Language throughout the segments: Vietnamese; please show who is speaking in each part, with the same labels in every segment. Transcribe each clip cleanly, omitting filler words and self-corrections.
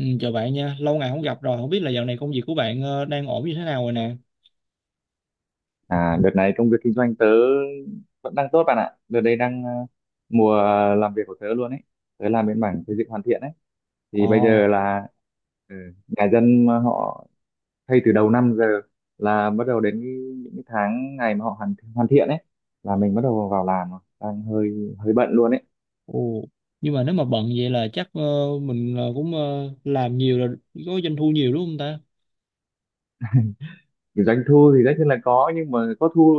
Speaker 1: Ừ, chào bạn nha, lâu ngày không gặp rồi, không biết là dạo này công việc của bạn đang ổn như thế nào rồi nè.
Speaker 2: À, đợt này công việc kinh doanh tớ vẫn đang tốt bạn ạ. Đợt đây đang mùa làm việc của tớ luôn ấy. Tớ làm bên mảng xây dựng hoàn thiện ấy. Thì bây
Speaker 1: Ồ,
Speaker 2: giờ là ừ, nhà dân mà họ thay từ đầu năm giờ là bắt đầu đến những cái tháng ngày mà họ hoàn hoàn thiện ấy là mình bắt đầu vào làm rồi. Đang hơi hơi bận luôn ấy.
Speaker 1: ồ, nhưng mà nếu mà bận vậy là chắc mình cũng làm nhiều là có doanh thu nhiều đúng không ta?
Speaker 2: Kiểu doanh thu thì tất nhiên là có nhưng mà có thu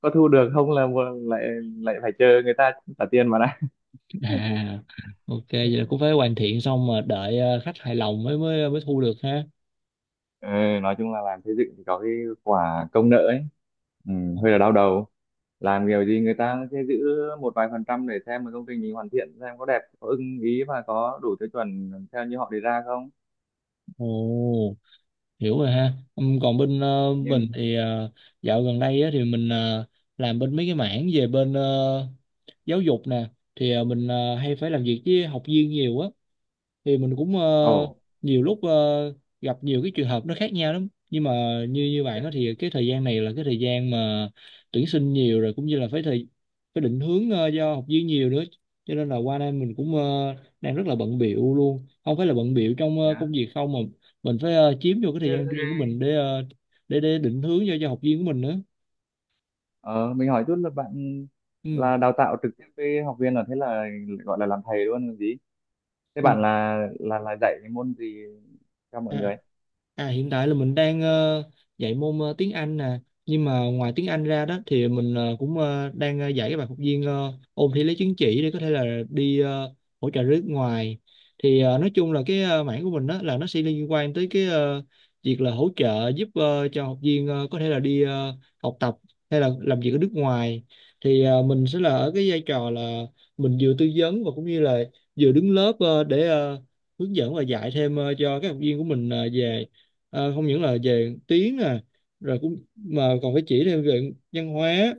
Speaker 2: có thu được không là lại lại phải chờ người ta trả tiền mà đã.
Speaker 1: À, ok, vậy là cũng phải hoàn thiện xong mà đợi khách hài lòng mới mới mới thu được ha.
Speaker 2: Ừ, nói chung là làm xây dựng thì có cái quả công nợ ấy, ừ, hơi là đau đầu, làm kiểu gì người ta sẽ giữ một vài phần trăm để xem mà công trình mình hoàn thiện xem có đẹp, có ưng ý và có đủ tiêu chuẩn theo như họ đề ra không.
Speaker 1: Ồ, hiểu rồi ha. Còn bên mình
Speaker 2: Nhưng
Speaker 1: thì dạo gần đây á, thì mình làm bên mấy cái mảng về bên giáo dục nè. Thì mình hay phải làm việc với học viên nhiều á. Thì mình cũng
Speaker 2: ồ,
Speaker 1: nhiều lúc gặp nhiều cái trường hợp nó khác nhau lắm, nhưng mà như như bạn đó thì cái thời gian này là cái thời gian mà tuyển sinh nhiều, rồi cũng như là phải định hướng cho học viên nhiều nữa, cho nên là qua đây mình cũng đang rất là bận bịu luôn, không phải là bận bịu trong
Speaker 2: thế
Speaker 1: công
Speaker 2: á.
Speaker 1: việc không, mà mình phải chiếm vô cái thời
Speaker 2: Thế,
Speaker 1: gian
Speaker 2: thế,
Speaker 1: riêng của mình để ờ, để định hướng cho học viên của mình nữa.
Speaker 2: ờ, mình hỏi chút là bạn
Speaker 1: Ừ.
Speaker 2: là đào tạo trực tiếp với học viên, là thế là gọi là làm thầy luôn còn gì. thế
Speaker 1: Ừ.
Speaker 2: bạn là là là dạy cái môn gì cho mọi
Speaker 1: À,
Speaker 2: người?
Speaker 1: à hiện tại là mình đang dạy môn tiếng Anh nè, nhưng mà ngoài tiếng Anh ra đó thì mình cũng đang dạy các bạn học viên ôn thi lấy chứng chỉ để có thể là đi hỗ trợ nước ngoài. Thì nói chung là cái mảng của mình đó là nó sẽ liên quan tới cái việc là hỗ trợ giúp cho học viên có thể là đi học tập hay là làm việc ở nước ngoài. Thì mình sẽ là ở cái vai trò là mình vừa tư vấn và cũng như là vừa đứng lớp để hướng dẫn và dạy thêm cho các học viên của mình về không những là về tiếng nè, rồi cũng mà còn phải chỉ thêm về văn hóa,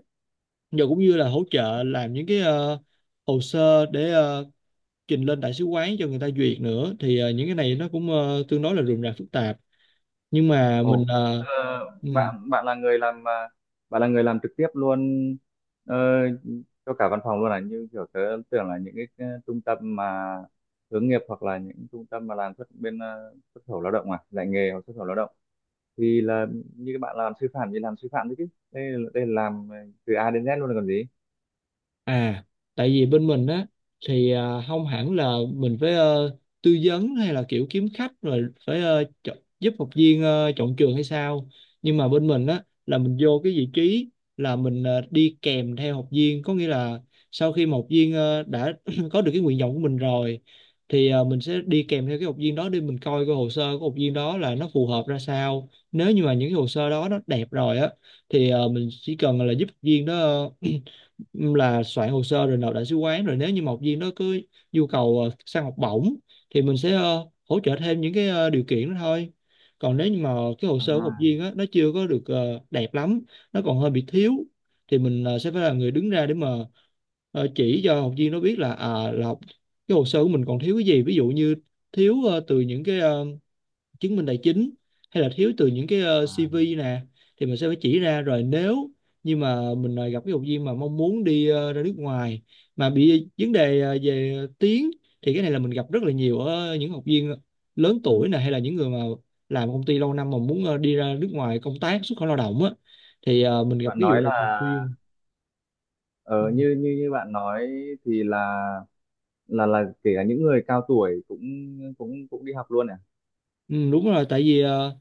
Speaker 1: rồi cũng như là hỗ trợ làm những cái hồ sơ để trình lên đại sứ quán cho người ta duyệt nữa, thì những cái này nó cũng tương đối là rườm rà phức tạp, nhưng mà mình
Speaker 2: Ồ, tức là
Speaker 1: uh,
Speaker 2: bạn bạn là người làm à, bạn là người làm trực tiếp luôn ờ, cho cả văn phòng luôn à? Như kiểu tớ tưởng là những cái trung tâm mà hướng nghiệp hoặc là những trung tâm mà làm xuất khẩu lao động, à, dạy nghề hoặc xuất khẩu lao động thì là như các bạn làm sư phạm thì làm sư phạm đấy, chứ đây là làm từ A đến Z luôn là còn gì.
Speaker 1: À, tại vì bên mình á thì à, không hẳn là mình phải tư vấn hay là kiểu kiếm khách, rồi phải chọn, giúp học viên chọn trường hay sao. Nhưng mà bên mình á là mình vô cái vị trí là mình đi kèm theo học viên, có nghĩa là sau khi mà học viên đã có được cái nguyện vọng của mình rồi, thì mình sẽ đi kèm theo cái học viên đó để mình coi cái hồ sơ của học viên đó là nó phù hợp ra sao. Nếu như mà những cái hồ sơ đó nó đẹp rồi á, thì mình chỉ cần là giúp học viên đó là soạn hồ sơ rồi nộp đại sứ quán, rồi nếu như mà học viên đó cứ nhu cầu sang học bổng thì mình sẽ hỗ trợ thêm những cái điều kiện đó thôi. Còn nếu như mà cái hồ sơ của học
Speaker 2: À,
Speaker 1: viên á nó chưa có được đẹp lắm, nó còn hơi bị thiếu, thì mình sẽ phải là người đứng ra để mà chỉ cho học viên nó biết là cái hồ sơ của mình còn thiếu cái gì, ví dụ như thiếu từ những cái chứng minh tài chính, hay là thiếu từ những cái
Speaker 2: à,
Speaker 1: CV nè, thì mình sẽ phải chỉ ra. Rồi nếu như mà mình gặp cái học viên mà mong muốn đi ra nước ngoài mà bị vấn đề về tiếng, thì cái này là mình gặp rất là nhiều ở những học viên lớn
Speaker 2: ừ.
Speaker 1: tuổi nè, hay là những người mà làm công ty lâu năm mà muốn đi ra nước ngoài công tác xuất khẩu lao động á, thì mình gặp
Speaker 2: Bạn
Speaker 1: cái vụ
Speaker 2: nói
Speaker 1: này thường
Speaker 2: là
Speaker 1: xuyên. Ừ.
Speaker 2: ờ, như như như bạn nói thì là là kể cả những người cao tuổi cũng cũng cũng đi học luôn à?
Speaker 1: Ừ, đúng rồi, tại vì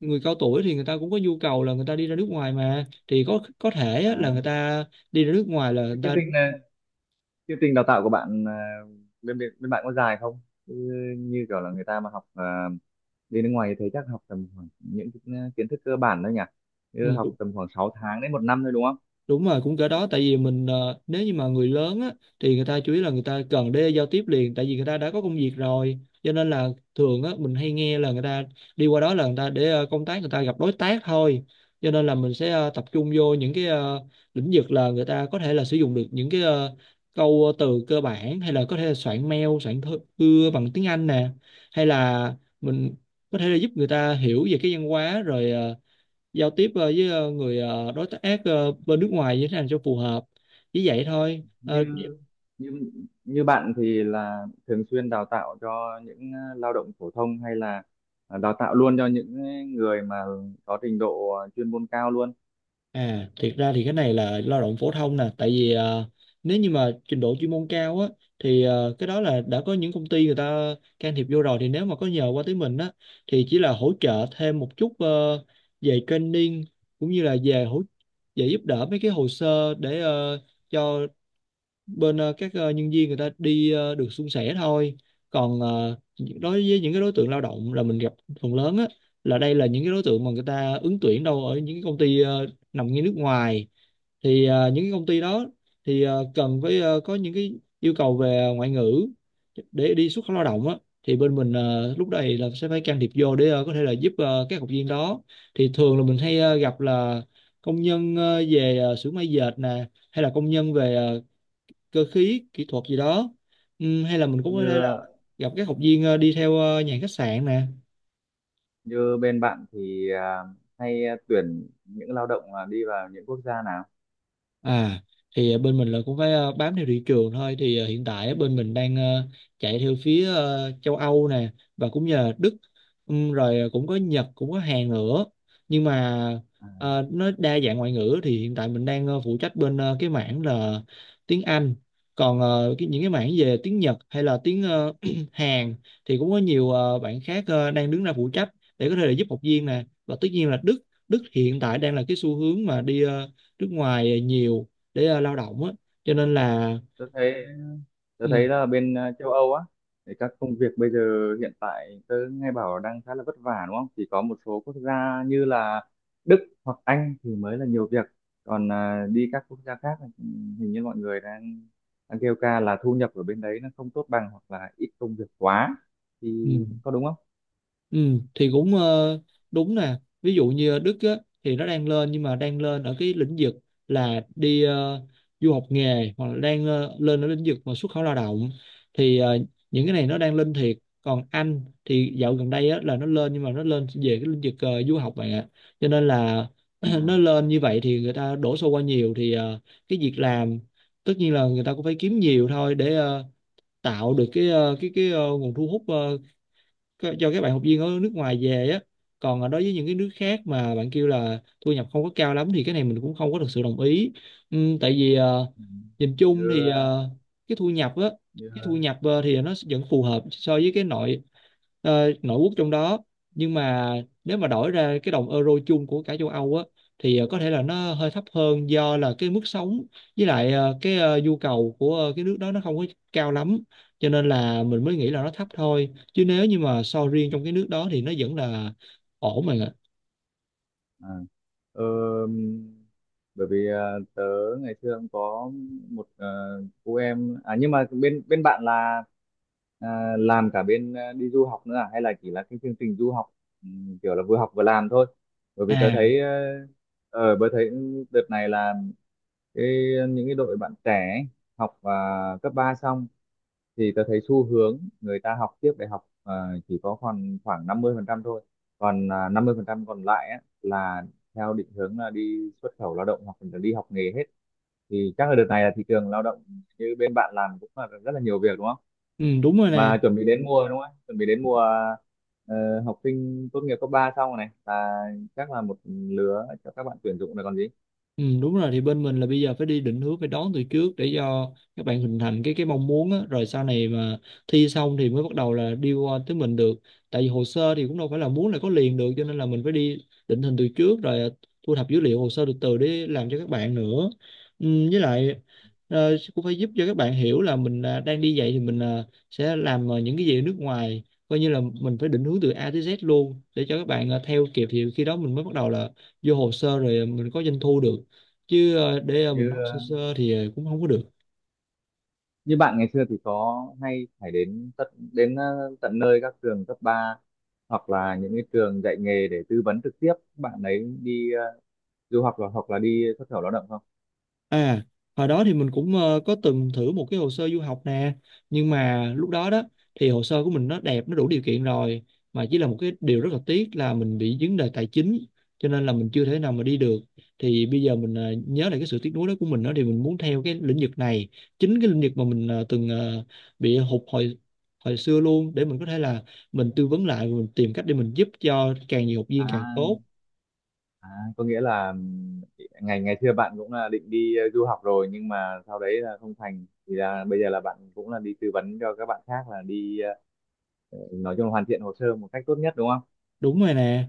Speaker 1: người cao tuổi thì người ta cũng có nhu cầu là người ta đi ra nước ngoài mà, thì có thể á, là
Speaker 2: À,
Speaker 1: người ta đi ra nước ngoài là người
Speaker 2: thế chương
Speaker 1: ta.
Speaker 2: trình ờ, chương trình đào tạo của bạn ờ, bên bên bên bạn có dài không? Như, như kiểu là người ta mà học đi nước ngoài thì thấy chắc học tầm khoảng những cái à, kiến thức cơ bản thôi nhỉ? Như học
Speaker 1: Ừ,
Speaker 2: tầm khoảng 6 tháng đến một năm thôi đúng không?
Speaker 1: đúng rồi, cũng cỡ đó, tại vì mình nếu như mà người lớn á, thì người ta chủ yếu là người ta cần để giao tiếp liền, tại vì người ta đã có công việc rồi, cho nên là thường á mình hay nghe là người ta đi qua đó là người ta để công tác, người ta gặp đối tác thôi, cho nên là mình sẽ tập trung vô những cái lĩnh vực là người ta có thể là sử dụng được những cái câu từ cơ bản, hay là có thể là soạn mail, soạn thư thư bằng tiếng Anh nè, hay là mình có thể là giúp người ta hiểu về cái văn hóa, rồi giao tiếp với người đối tác bên nước ngoài như thế nào cho phù hợp, chỉ vậy thôi. Ờ,
Speaker 2: Như như như bạn thì là thường xuyên đào tạo cho những lao động phổ thông hay là đào tạo luôn cho những người mà có trình độ chuyên môn cao luôn?
Speaker 1: À, thiệt ra thì cái này là lao động phổ thông nè, tại vì nếu như mà trình độ chuyên môn cao á, thì cái đó là đã có những công ty người ta can thiệp vô rồi, thì nếu mà có nhờ qua tới mình á thì chỉ là hỗ trợ thêm một chút về training, cũng như là về giúp đỡ mấy cái hồ sơ để cho bên các nhân viên người ta đi được suôn sẻ thôi. Còn đối với những cái đối tượng lao động là mình gặp phần lớn á, là đây là những cái đối tượng mà người ta ứng tuyển đâu ở những cái công ty nằm ngay nước ngoài, thì những cái công ty đó thì cần phải có những cái yêu cầu về ngoại ngữ để đi xuất khẩu lao động á, thì bên mình lúc này là sẽ phải can thiệp vô để có thể là giúp các học viên đó. Thì thường là mình hay gặp là công nhân về xưởng may dệt nè, hay là công nhân về cơ khí kỹ thuật gì đó. Hay là mình cũng có
Speaker 2: Như
Speaker 1: thể là gặp các học viên đi theo nhà hàng khách sạn nè.
Speaker 2: như bên bạn thì hay tuyển những lao động là đi vào những quốc gia nào?
Speaker 1: À thì à, bên mình là cũng phải bám theo thị trường thôi, thì hiện tại bên mình đang chạy theo phía châu Âu nè, và cũng như là Đức. Rồi à, cũng có Nhật, cũng có Hàn nữa, nhưng mà
Speaker 2: À,
Speaker 1: nó đa dạng ngoại ngữ, thì hiện tại mình đang phụ trách bên cái mảng là tiếng Anh, còn những cái mảng về tiếng Nhật hay là tiếng Hàn thì cũng có nhiều bạn khác đang đứng ra phụ trách để có thể là giúp học viên nè, và tất nhiên là Đức. Đức hiện tại đang là cái xu hướng mà đi nước ngoài nhiều để lao động á, cho nên là.
Speaker 2: tôi thấy tôi
Speaker 1: Ừ,
Speaker 2: thấy là bên châu Âu á thì các công việc bây giờ hiện tại tôi nghe bảo đang khá là vất vả đúng không? Chỉ có một số quốc gia như là Đức hoặc Anh thì mới là nhiều việc, còn đi các quốc gia khác thì hình như mọi người đang đang kêu ca là thu nhập ở bên đấy nó không tốt bằng hoặc là ít công việc quá thì
Speaker 1: ừ,
Speaker 2: có đúng không?
Speaker 1: ừ, thì cũng đúng nè, ví dụ như ở Đức á, thì nó đang lên, nhưng mà đang lên ở cái lĩnh vực là đi du học nghề, hoặc là đang lên ở lĩnh vực mà xuất khẩu lao động, thì những cái này nó đang lên thiệt. Còn Anh thì dạo gần đây á, là nó lên, nhưng mà nó lên về cái lĩnh vực du học bạn ạ, cho nên là
Speaker 2: À,
Speaker 1: nó lên như vậy thì người ta đổ xô qua nhiều, thì cái việc làm tất nhiên là người ta cũng phải kiếm nhiều thôi để tạo được cái nguồn thu hút cho các bạn học viên ở nước ngoài về á. Còn đối với những cái nước khác mà bạn kêu là thu nhập không có cao lắm, thì cái này mình cũng không có thực sự đồng ý. Tại vì
Speaker 2: ừ.
Speaker 1: nhìn
Speaker 2: như
Speaker 1: chung thì
Speaker 2: ờ,
Speaker 1: cái thu nhập á
Speaker 2: như
Speaker 1: cái thu nhập thì nó vẫn phù hợp so với cái nội quốc trong đó, nhưng mà nếu mà đổi ra cái đồng euro chung của cả châu Âu á, thì có thể là nó hơi thấp hơn do là cái mức sống, với lại cái nhu cầu của cái nước đó nó không có cao lắm, cho nên là mình mới nghĩ là nó thấp thôi, chứ nếu như mà so riêng trong cái nước đó thì nó vẫn là ổn mà.
Speaker 2: à, ờ, bởi vì ờ, tớ ngày xưa cũng có một cô em, à nhưng mà bên bên bạn là à, làm cả bên đi du học nữa à hay là chỉ là cái chương trình du học, kiểu là vừa học vừa làm thôi? Bởi vì tớ
Speaker 1: À.
Speaker 2: thấy ở bởi thấy đợt này là cái những cái đội bạn trẻ ấy, học à, cấp 3 xong thì tôi thấy xu hướng người ta học tiếp đại học, chỉ có khoảng khoảng 50% thôi, còn à, 50% còn lại á, là theo định hướng là đi xuất khẩu lao động hoặc là đi học nghề hết. Thì chắc là đợt này là thị trường lao động như bên bạn làm cũng là rất là nhiều việc đúng không?
Speaker 1: Ừ, đúng rồi nè.
Speaker 2: Mà chuẩn bị đến mùa đúng không, chuẩn bị đến mùa học sinh tốt nghiệp cấp 3 xong rồi này là chắc là một lứa cho các bạn tuyển dụng là còn gì.
Speaker 1: Ừ, đúng rồi, thì bên mình là bây giờ phải đi định hướng, phải đón từ trước để cho các bạn hình thành cái mong muốn á, rồi sau này mà thi xong thì mới bắt đầu là đi qua tới mình được. Tại vì hồ sơ thì cũng đâu phải là muốn là có liền được, cho nên là mình phải đi định hình từ trước rồi, à, thu thập dữ liệu hồ sơ từ từ để làm cho các bạn nữa. Ừ, với lại cũng phải giúp cho các bạn hiểu là mình, à, đang đi dạy thì mình, à, sẽ làm, à, những cái gì ở nước ngoài. Coi như là mình phải định hướng từ A tới Z luôn để cho các bạn, à, theo kịp, thì khi đó mình mới bắt đầu là vô hồ sơ rồi mình có doanh thu được. Chứ để mình
Speaker 2: như
Speaker 1: nói sơ
Speaker 2: ờ,
Speaker 1: sơ thì cũng không có được.
Speaker 2: như bạn ngày xưa thì có hay phải đến tận đến tận nơi các trường cấp 3 hoặc là những cái trường dạy nghề để tư vấn trực tiếp các bạn ấy đi du học là hoặc là đi xuất khẩu lao động không?
Speaker 1: À, hồi đó thì mình cũng có từng thử một cái hồ sơ du học nè. Nhưng mà lúc đó đó thì hồ sơ của mình nó đẹp, nó đủ điều kiện rồi, mà chỉ là một cái điều rất là tiếc là mình bị vấn đề tài chính, cho nên là mình chưa thể nào mà đi được. Thì bây giờ mình nhớ lại cái sự tiếc nuối đó của mình đó, thì mình muốn theo cái lĩnh vực này, chính cái lĩnh vực mà mình từng bị hụt hồi hồi xưa luôn, để mình có thể là mình tư vấn lại, mình tìm cách để mình giúp cho càng nhiều học viên càng
Speaker 2: À,
Speaker 1: tốt.
Speaker 2: à, có nghĩa là ngày ngày xưa bạn cũng là định đi du học rồi nhưng mà sau đấy là không thành thì là bây giờ là bạn cũng là đi tư vấn cho các bạn khác là đi nói chung là hoàn thiện hồ sơ một cách tốt nhất đúng không?
Speaker 1: Đúng rồi nè.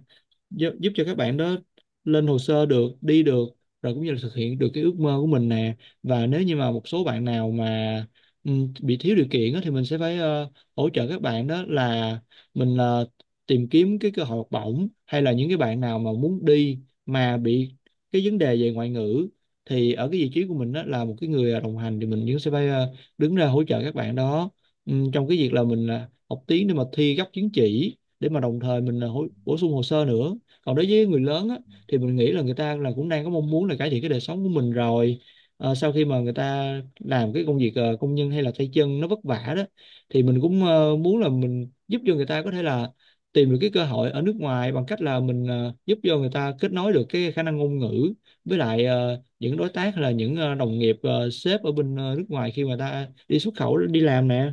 Speaker 1: Giúp cho các bạn đó lên hồ sơ được, đi được, rồi cũng như là thực hiện được cái ước mơ của mình nè. Và nếu như mà một số bạn nào mà bị thiếu điều kiện á, thì mình sẽ phải hỗ trợ các bạn đó là mình tìm kiếm cái cơ hội học bổng, hay là những cái bạn nào mà muốn đi mà bị cái vấn đề về ngoại ngữ, thì ở cái vị trí của mình đó là một cái người, à, đồng hành, thì mình cũng sẽ phải đứng ra hỗ trợ các bạn đó trong cái việc là mình học tiếng để mà thi gấp chứng chỉ, để mà đồng thời mình bổ sung hồ sơ nữa. Còn đối với người lớn á, thì mình nghĩ là người ta là cũng đang có mong muốn là cải thiện cái đời sống của mình rồi. Sau khi mà người ta làm cái công việc công nhân hay là tay chân nó vất vả đó, thì mình cũng muốn là mình giúp cho người ta có thể là tìm được cái cơ hội ở nước ngoài, bằng cách là mình giúp cho người ta kết nối được cái khả năng ngôn ngữ với lại những đối tác hay là những đồng nghiệp, sếp ở bên nước ngoài khi mà ta đi xuất khẩu đi làm nè.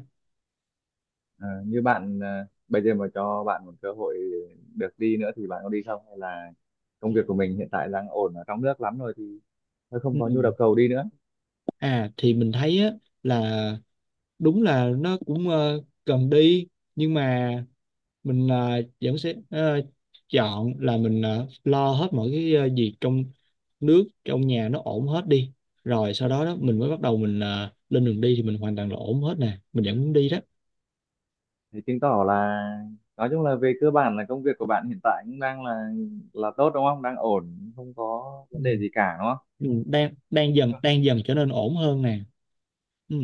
Speaker 2: Ờ, như bạn ờ, bây giờ mà cho bạn một cơ hội được đi nữa thì bạn có đi không, hay là công việc của mình hiện tại đang ổn ở trong nước lắm rồi thì thôi không
Speaker 1: Ừ.
Speaker 2: có nhu đầu cầu đi nữa?
Speaker 1: À thì mình thấy á là đúng là nó cũng cần đi, nhưng mà mình vẫn sẽ chọn là mình lo hết mọi cái việc trong nước, trong nhà nó ổn hết đi, rồi sau đó đó mình mới bắt đầu mình lên đường đi, thì mình hoàn toàn là ổn hết nè, mình vẫn muốn đi đó.
Speaker 2: Thì chứng tỏ là nói chung là về cơ bản là công việc của bạn hiện tại cũng đang là tốt đúng không, đang ổn không có
Speaker 1: Ừ.
Speaker 2: vấn đề gì cả đúng không?
Speaker 1: Ừ, đang đang dần trở nên ổn hơn nè. Ừ.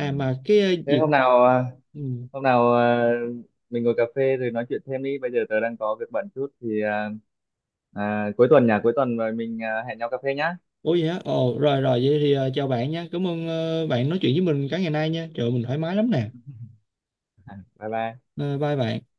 Speaker 2: Ừ.
Speaker 1: mà cái
Speaker 2: Thế
Speaker 1: việc. Ừ.
Speaker 2: hôm nào ờ, mình ngồi cà phê rồi nói chuyện thêm đi, bây giờ tớ đang có việc bận chút thì ờ, à, cuối tuần rồi mình hẹn nhau cà phê nhá.
Speaker 1: Ủa vậy hả? Ồ, rồi rồi vậy thì chào bạn nha. Cảm ơn bạn nói chuyện với mình cả ngày nay nha. Trời ơi, mình thoải mái lắm nè.
Speaker 2: Bye bye.
Speaker 1: Ờ, bye bạn.